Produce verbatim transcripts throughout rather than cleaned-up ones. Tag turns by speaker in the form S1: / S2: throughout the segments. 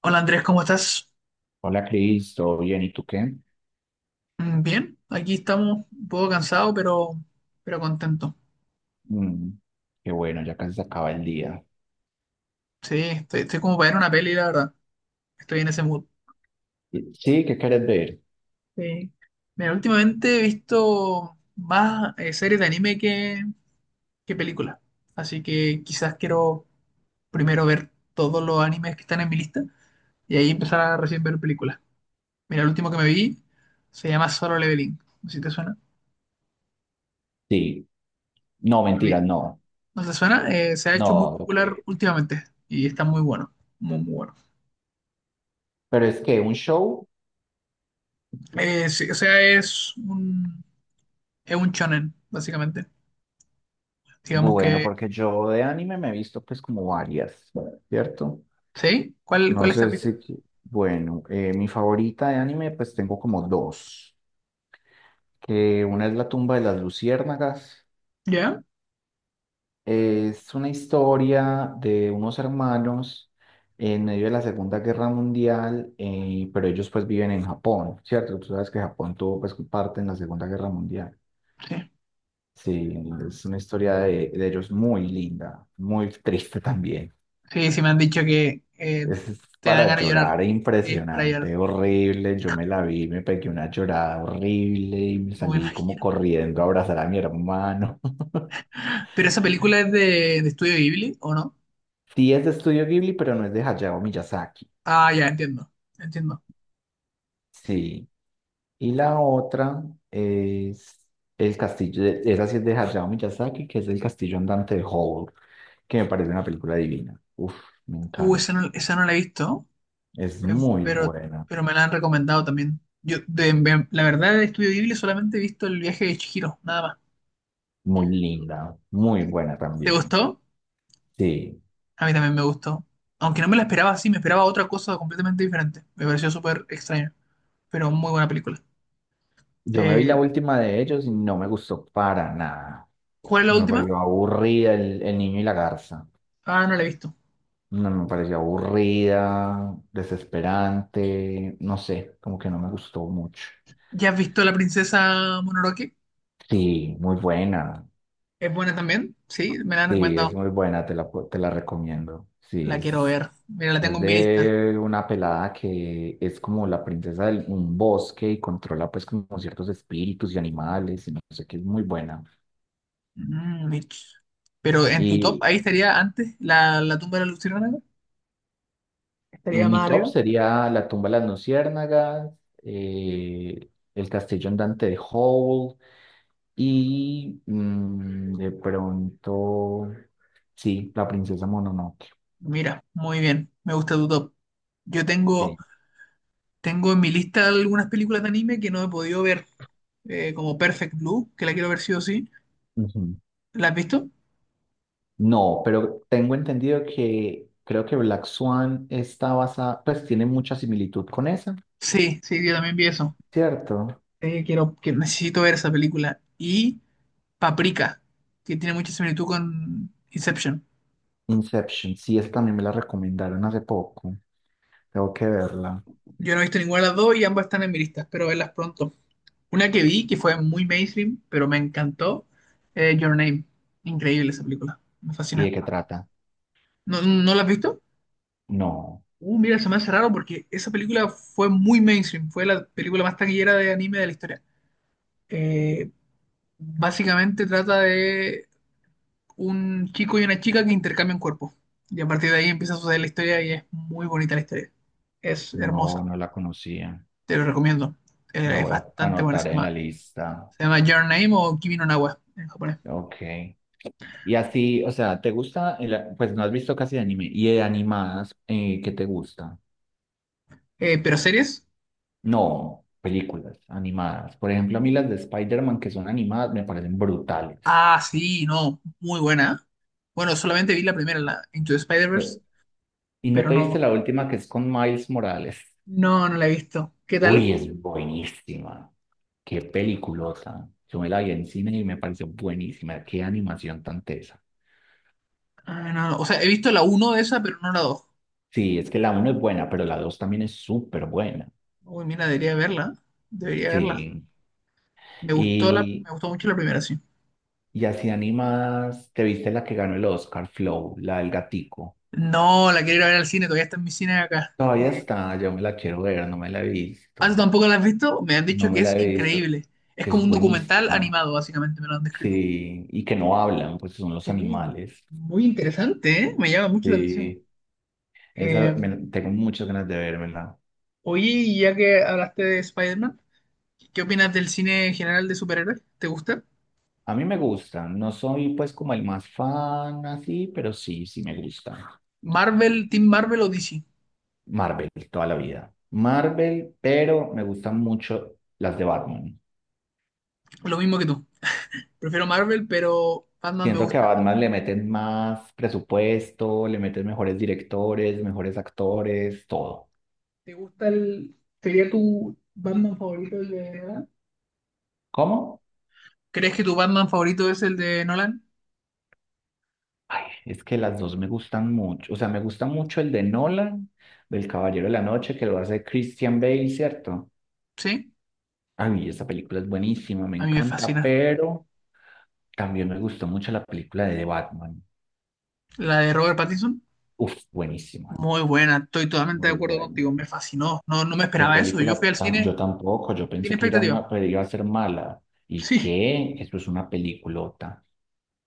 S1: Hola Andrés, ¿cómo estás?
S2: Hola Cris, ¿todo bien? ¿Y tú qué?
S1: Mm, bien, aquí estamos un poco cansado, pero, pero contento.
S2: Mm, qué bueno, ya casi se acaba el día.
S1: Sí, estoy, estoy como para ver una peli, la verdad. Estoy en ese mood.
S2: Sí, ¿qué quieres ver?
S1: Sí. Mira, últimamente he visto más eh, series de anime que, que películas. Así que quizás quiero primero ver todos los animes que están en mi lista y ahí empezar a recién ver películas. Mira, el último que me vi se llama Solo Leveling. No sé si te suena.
S2: Sí, no,
S1: Lo vi.
S2: mentira, no,
S1: ¿No te suena? Eh, se ha hecho muy
S2: no, lo
S1: popular
S2: que...
S1: últimamente y está muy bueno. Muy, muy bueno.
S2: Pero es que un show,
S1: Eh, sí, o sea, es un, es un shonen, básicamente. Digamos
S2: bueno,
S1: que...
S2: porque yo de anime me he visto pues como varias, ¿cierto?
S1: ¿Sí? ¿Cuál,
S2: No
S1: cuál estás
S2: sé
S1: visto?
S2: si, bueno, eh, mi favorita de anime pues tengo como dos, que una es La tumba de las luciérnagas.
S1: ¿Ya?
S2: Es una historia de unos hermanos en medio de la Segunda Guerra Mundial, eh, pero ellos pues viven en Japón, ¿cierto? Tú sabes que Japón tuvo pues parte en la Segunda Guerra Mundial.
S1: Sí.
S2: Sí, es una historia de, de ellos muy linda, muy triste también.
S1: Sí, sí me han dicho que eh,
S2: Es
S1: te dan
S2: para
S1: ganas de llorar.
S2: llorar,
S1: Sí, es para llorar,
S2: impresionante, horrible. Yo me la vi, me pegué una llorada horrible y me
S1: no me
S2: salí como
S1: imagino.
S2: corriendo a abrazar a mi hermano.
S1: ¿Pero esa película es de, de Estudio Ghibli o no?
S2: Sí, es de Estudio Ghibli, pero no es de Hayao Miyazaki.
S1: Ah, ya, entiendo. Entiendo.
S2: Sí. Y la otra es el castillo, de- esa sí es de Hayao Miyazaki, que es el castillo andante de Howl, que me parece una película divina. Uf, me
S1: Uh, esa
S2: encanta.
S1: no, esa no la he visto,
S2: Es
S1: eh,
S2: muy
S1: pero,
S2: buena,
S1: pero me la han recomendado también. Yo, de, de- la verdad, de Estudio Ghibli solamente he visto El viaje de Chihiro, nada más.
S2: muy linda, muy buena
S1: ¿Te
S2: también.
S1: gustó?
S2: Sí,
S1: A mí también me gustó. Aunque no me la esperaba así, me esperaba otra cosa completamente diferente. Me pareció súper extraño, pero muy buena película.
S2: yo me vi la
S1: Eh,
S2: última de ellos y no me gustó para nada.
S1: ¿cuál es la
S2: Me
S1: última?
S2: pareció aburrida el, el niño y la garza.
S1: Ah, no la he visto.
S2: No, me pareció aburrida, desesperante, no sé, como que no me gustó mucho.
S1: ¿Ya has visto La Princesa Mononoke?
S2: Sí, muy buena.
S1: ¿Es buena también? Sí, me la han
S2: Sí,
S1: recomendado.
S2: es muy buena, te la, pu- te la recomiendo. Sí,
S1: La quiero
S2: es,
S1: ver. Mira, la tengo
S2: es
S1: en mi lista.
S2: de una pelada que es como la princesa de un bosque y controla pues como ciertos espíritus y animales y no sé qué, es muy buena.
S1: Mm, bitch. Pero en tu top,
S2: Y
S1: ahí estaría antes la, la tumba de la luciérnaga. Estaría
S2: en mi
S1: más
S2: top
S1: arriba.
S2: sería La tumba de las luciérnagas, eh, El castillo andante de Howl y mm, de pronto, sí, La princesa Mononoke.
S1: Mira, muy bien. Me gusta tu top. Yo tengo,
S2: Sí.
S1: Tengo en mi lista algunas películas de anime que no he podido ver. Eh, como Perfect Blue, que la quiero ver sí o sí. ¿La has visto?
S2: No, pero tengo entendido que creo que Black Swan está basada, pues tiene mucha similitud con esa,
S1: Sí, sí, yo también vi eso.
S2: ¿cierto?
S1: Eh, quiero, que necesito ver esa película. Y Paprika, que tiene mucha similitud con Inception.
S2: Inception, sí, esa también me la recomendaron hace poco. Tengo que verla.
S1: Yo no he visto ninguna de las dos y ambas están en mi lista. Espero verlas pronto. Una que vi, que fue muy mainstream, pero me encantó, eh, Your Name. Increíble esa película. Me
S2: ¿Y de
S1: fascina.
S2: qué trata?
S1: ¿No, no la has visto?
S2: No,
S1: Uh, mira, se me hace raro porque esa película fue muy mainstream. Fue la película más taquillera de anime de la historia. Eh, Básicamente trata de un chico y una chica que intercambian cuerpos. Y a partir de ahí empieza a suceder la historia y es muy bonita la historia. Es
S2: no,
S1: hermosa.
S2: no la conocía.
S1: Te lo recomiendo.
S2: La
S1: Eh, es
S2: voy a
S1: bastante buena. Se
S2: anotar en la
S1: llama,
S2: lista.
S1: se llama Your Name o Kimi no Na wa en japonés.
S2: Ok. Y así, o sea, ¿te gusta? El- pues no has visto casi anime. ¿Y de animadas, eh, qué te gusta?
S1: Eh, ¿pero series?
S2: No, películas animadas. Por ejemplo, a mí las de Spider-Man que son animadas me parecen brutales.
S1: Ah, sí, no. Muy buena. Bueno, solamente vi la primera, la Into the Spider-Verse,
S2: Ve- ¿Y no
S1: pero
S2: te viste
S1: no,
S2: la última que es con Miles Morales?
S1: no, no la he visto. ¿Qué tal?
S2: Uy, es buenísima. Qué peliculota. Yo me la vi en cine y me pareció buenísima. Qué animación tan tesa.
S1: Ah, no, no. O sea, he visto la uno de esa, pero no la dos.
S2: Sí, es que la uno es buena, pero la dos también es súper buena.
S1: Uy, mira, debería verla. Debería verla.
S2: Sí.
S1: Me gustó la,
S2: Y,
S1: me gustó mucho la primera, sí.
S2: y así animadas, ¿te viste la que ganó el Oscar, Flow, la del gatico?
S1: No, la quiero ir a ver al cine, todavía está en mi cine acá.
S2: Todavía
S1: Eh,
S2: está, yo me la quiero ver, no me la he
S1: ¿ah, tú
S2: visto.
S1: tampoco la has visto? Me han dicho
S2: No
S1: que
S2: me la
S1: es
S2: he visto,
S1: increíble. Es
S2: que
S1: como
S2: es
S1: un documental
S2: buenísima.
S1: animado, básicamente, me lo han descrito.
S2: Sí, y que no hablan, pues son los
S1: Sí,
S2: animales.
S1: muy interesante, ¿eh? Me llama mucho la atención.
S2: Sí,
S1: Eh,
S2: esa me- tengo muchas ganas de vérmela.
S1: Oye, y ya que hablaste de Spider-Man, ¿qué opinas del cine general de superhéroes? ¿Te gusta?
S2: A mí me gusta, no soy pues como el más fan así, pero sí, sí me gusta.
S1: ¿Marvel, Team Marvel o D C?
S2: Marvel, toda la vida. Marvel, pero me gustan mucho las de Batman.
S1: Lo mismo que tú. Prefiero Marvel, pero Batman me
S2: Siento que a Batman
S1: gusta.
S2: le meten más presupuesto, le meten mejores directores, mejores actores, todo.
S1: ¿Te gusta el... ¿Sería tu Batman favorito el de verdad?
S2: ¿Cómo?
S1: ¿Crees que tu Batman favorito es el de Nolan?
S2: Ay, es que las dos me gustan mucho. O sea, me gusta mucho el de Nolan, del Caballero de la Noche, que lo hace Christian Bale, ¿cierto?
S1: Sí,
S2: Ay, esa película es buenísima, me
S1: a mí me
S2: encanta,
S1: fascina.
S2: pero también me gustó mucho la película de The Batman.
S1: La de Robert Pattinson,
S2: Uf, buenísima.
S1: muy buena, estoy totalmente de
S2: Muy
S1: acuerdo
S2: buena.
S1: contigo, me fascinó. No, no me
S2: Qué
S1: esperaba eso, yo
S2: película
S1: fui al
S2: tan...
S1: cine
S2: Yo tampoco, yo
S1: sin
S2: pensé que era
S1: expectativa.
S2: una, pues, iba a ser mala. ¿Y
S1: Sí,
S2: qué? Eso es una peliculota.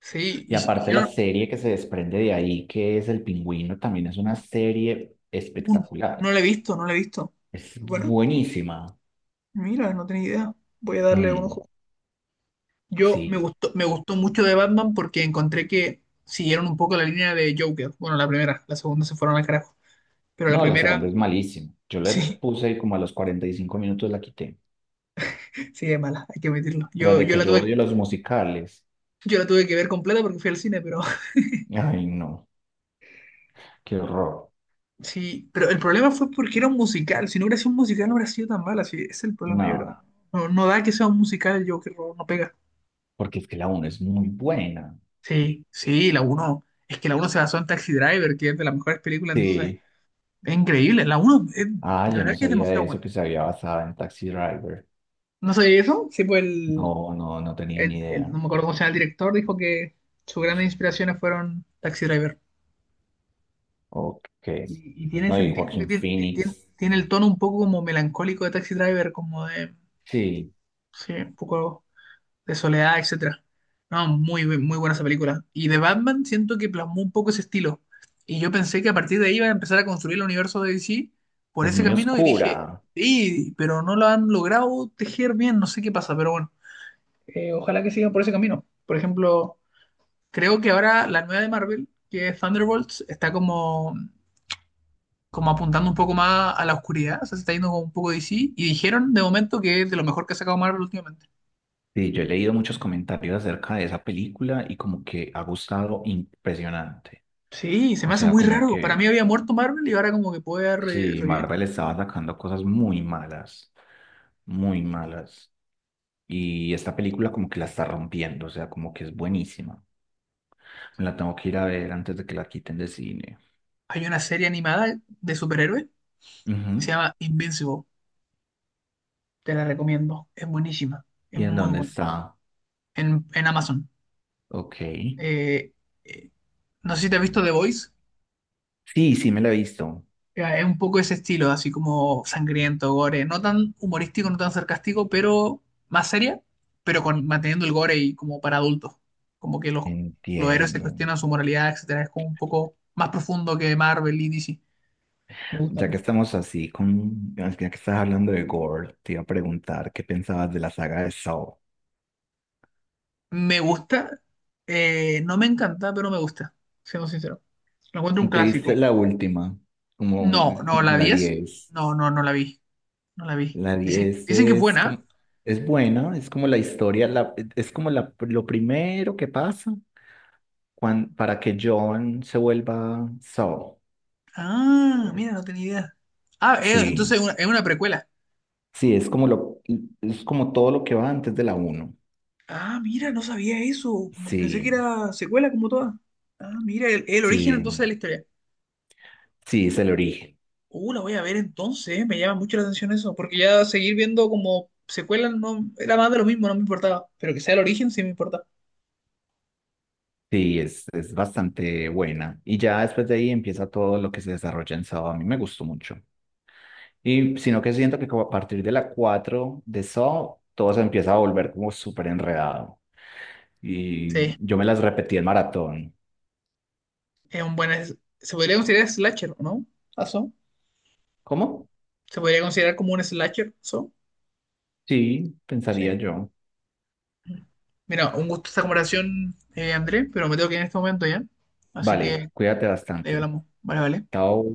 S1: sí,
S2: Y
S1: y, si- y si
S2: aparte la
S1: no,
S2: serie que se desprende de ahí, que es El Pingüino, también es una serie
S1: un-
S2: espectacular.
S1: no la he visto, no la he visto.
S2: Es
S1: Bueno,
S2: buenísima.
S1: mira, no tenía idea, voy a darle un
S2: Mm,
S1: ojo. Yo me
S2: sí.
S1: gustó, me gustó mucho de Batman porque encontré que siguieron un poco la línea de Joker. Bueno, la primera, la segunda se fueron al carajo, pero la
S2: No, la segunda
S1: primera,
S2: es malísima. Yo le
S1: sí.
S2: puse y como a los cuarenta y cinco minutos la quité.
S1: Sí, es mala, hay que admitirlo.
S2: Tras
S1: Yo,
S2: de
S1: yo
S2: que
S1: la
S2: yo
S1: tuve,
S2: odio los musicales.
S1: Yo la tuve que ver completa porque fui al cine, pero
S2: Ay, no. Qué horror.
S1: sí, pero el problema fue porque era un musical. Si no hubiera sido un musical, no hubiera sido tan mala. Sí, ese es el problema, yo
S2: No,
S1: creo. No, no da que sea un musical el Joker, no, no pega.
S2: porque es que la uno es muy buena.
S1: Sí, sí, la uno es que la uno se basó en Taxi Driver, que es de las mejores películas, entonces
S2: Sí.
S1: es increíble. La uno es-
S2: Ah,
S1: de
S2: yo no
S1: verdad que es
S2: sabía de
S1: demasiado
S2: eso,
S1: buena.
S2: que se había basado en Taxi Driver.
S1: No sé eso, sí, pues el,
S2: No, no, no tenía ni
S1: el- el-
S2: idea.
S1: no me acuerdo cómo se llama el director, dijo que sus grandes inspiraciones fueron Taxi Driver.
S2: Ok.
S1: Y, y tiene
S2: No, y
S1: sentido porque
S2: Joaquín
S1: tiene, tiene-
S2: Phoenix.
S1: tiene el tono un poco como melancólico de Taxi Driver, como de,
S2: Sí,
S1: sí, un poco de soledad, etcétera. No, muy, bu- muy buena esa película. Y de Batman siento que plasmó un poco ese estilo. Y yo pensé que a partir de ahí iba a empezar a construir el universo de D C por
S2: es
S1: ese
S2: muy
S1: camino y dije,
S2: oscura.
S1: sí, pero no lo han logrado tejer bien, no sé qué pasa, pero bueno, Eh, ojalá que sigan por ese camino. Por ejemplo, creo que ahora la nueva de Marvel, que es Thunderbolts, está como como apuntando un poco más a la oscuridad, o sea, se está yendo como un poco de sí, y dijeron de momento que es de lo mejor que ha sacado Marvel últimamente.
S2: Sí, yo he leído muchos comentarios acerca de esa película y como que ha gustado impresionante.
S1: Sí, se
S2: O
S1: me hace
S2: sea,
S1: muy
S2: como
S1: raro. Para
S2: que
S1: mí había muerto Marvel y ahora como que puede re-
S2: sí,
S1: revivir.
S2: Marvel estaba sacando cosas muy malas, muy malas. Y esta película como que la está rompiendo, o sea, como que es buenísima. Me la tengo que ir a ver antes de que la quiten de cine.
S1: Hay una serie animada de superhéroes que se
S2: Ujú.
S1: llama Invincible. Te la recomiendo. Es buenísima. Es
S2: ¿Y en
S1: muy
S2: dónde
S1: buena.
S2: está?
S1: En, en Amazon.
S2: Ok.
S1: Eh, eh, no sé si te has visto The Voice.
S2: Sí, sí, me la he visto.
S1: Ya, es un poco ese estilo, así como sangriento, gore, no tan humorístico, no tan sarcástico, pero más seria, pero con, manteniendo el gore y como para adultos. Como que los, los héroes se
S2: Entiendo.
S1: cuestionan su moralidad, etcétera. Es como un poco más profundo que Marvel y D C. Me gusta
S2: Ya que
S1: mucho.
S2: estamos así con, ya que estás hablando de Gore, te iba a preguntar qué pensabas de la saga de Saw.
S1: Me gusta, eh, no me encanta, pero me gusta, siendo sincero. Lo encuentro un
S2: ¿Te
S1: clásico.
S2: viste la última? Como,
S1: No, no,
S2: como
S1: la
S2: la
S1: diez,
S2: diez.
S1: no, no, no la vi, no la vi.
S2: La
S1: Dicen,
S2: diez
S1: dicen que es
S2: es
S1: buena.
S2: como, es buena, es como la historia, la, es como la, lo primero que pasa cuan- para que John se vuelva Saul.
S1: Ah, mira, no tenía idea. Ah, eh,
S2: Sí,
S1: entonces es una, es una precuela.
S2: sí, es como lo, es como todo lo que va antes de la uno.
S1: Ah, mira, no sabía eso. Pensé que
S2: Sí,
S1: era secuela como todas. Ah, mira, el, el origen
S2: sí,
S1: entonces de la historia.
S2: sí, es el origen.
S1: Uh, la voy a ver entonces, ¿eh? Me llama mucho la atención eso, porque ya seguir viendo como secuela no era más de lo mismo, no me importaba, pero que sea el origen sí me importa.
S2: Sí, es, es bastante buena. Y ya después de ahí empieza todo lo que se desarrolla en Saw. A mí me gustó mucho. Y sino que siento que como a partir de la cuatro de Saw, todo se empieza a volver como súper enredado. Y
S1: Sí,
S2: yo me las repetí en maratón.
S1: es un buen... es- Se podría considerar slasher, ¿o ¿no? ¿Aso?
S2: ¿Cómo?
S1: ¿Se podría considerar como un slasher? ¿So?
S2: Sí, pensaría
S1: Sí.
S2: yo.
S1: Mira, un gusto esta comparación, eh, André, pero me tengo que ir en este momento ya. Así que
S2: Vale, cuídate
S1: ahí
S2: bastante.
S1: hablamos. Vale, vale.
S2: Chao.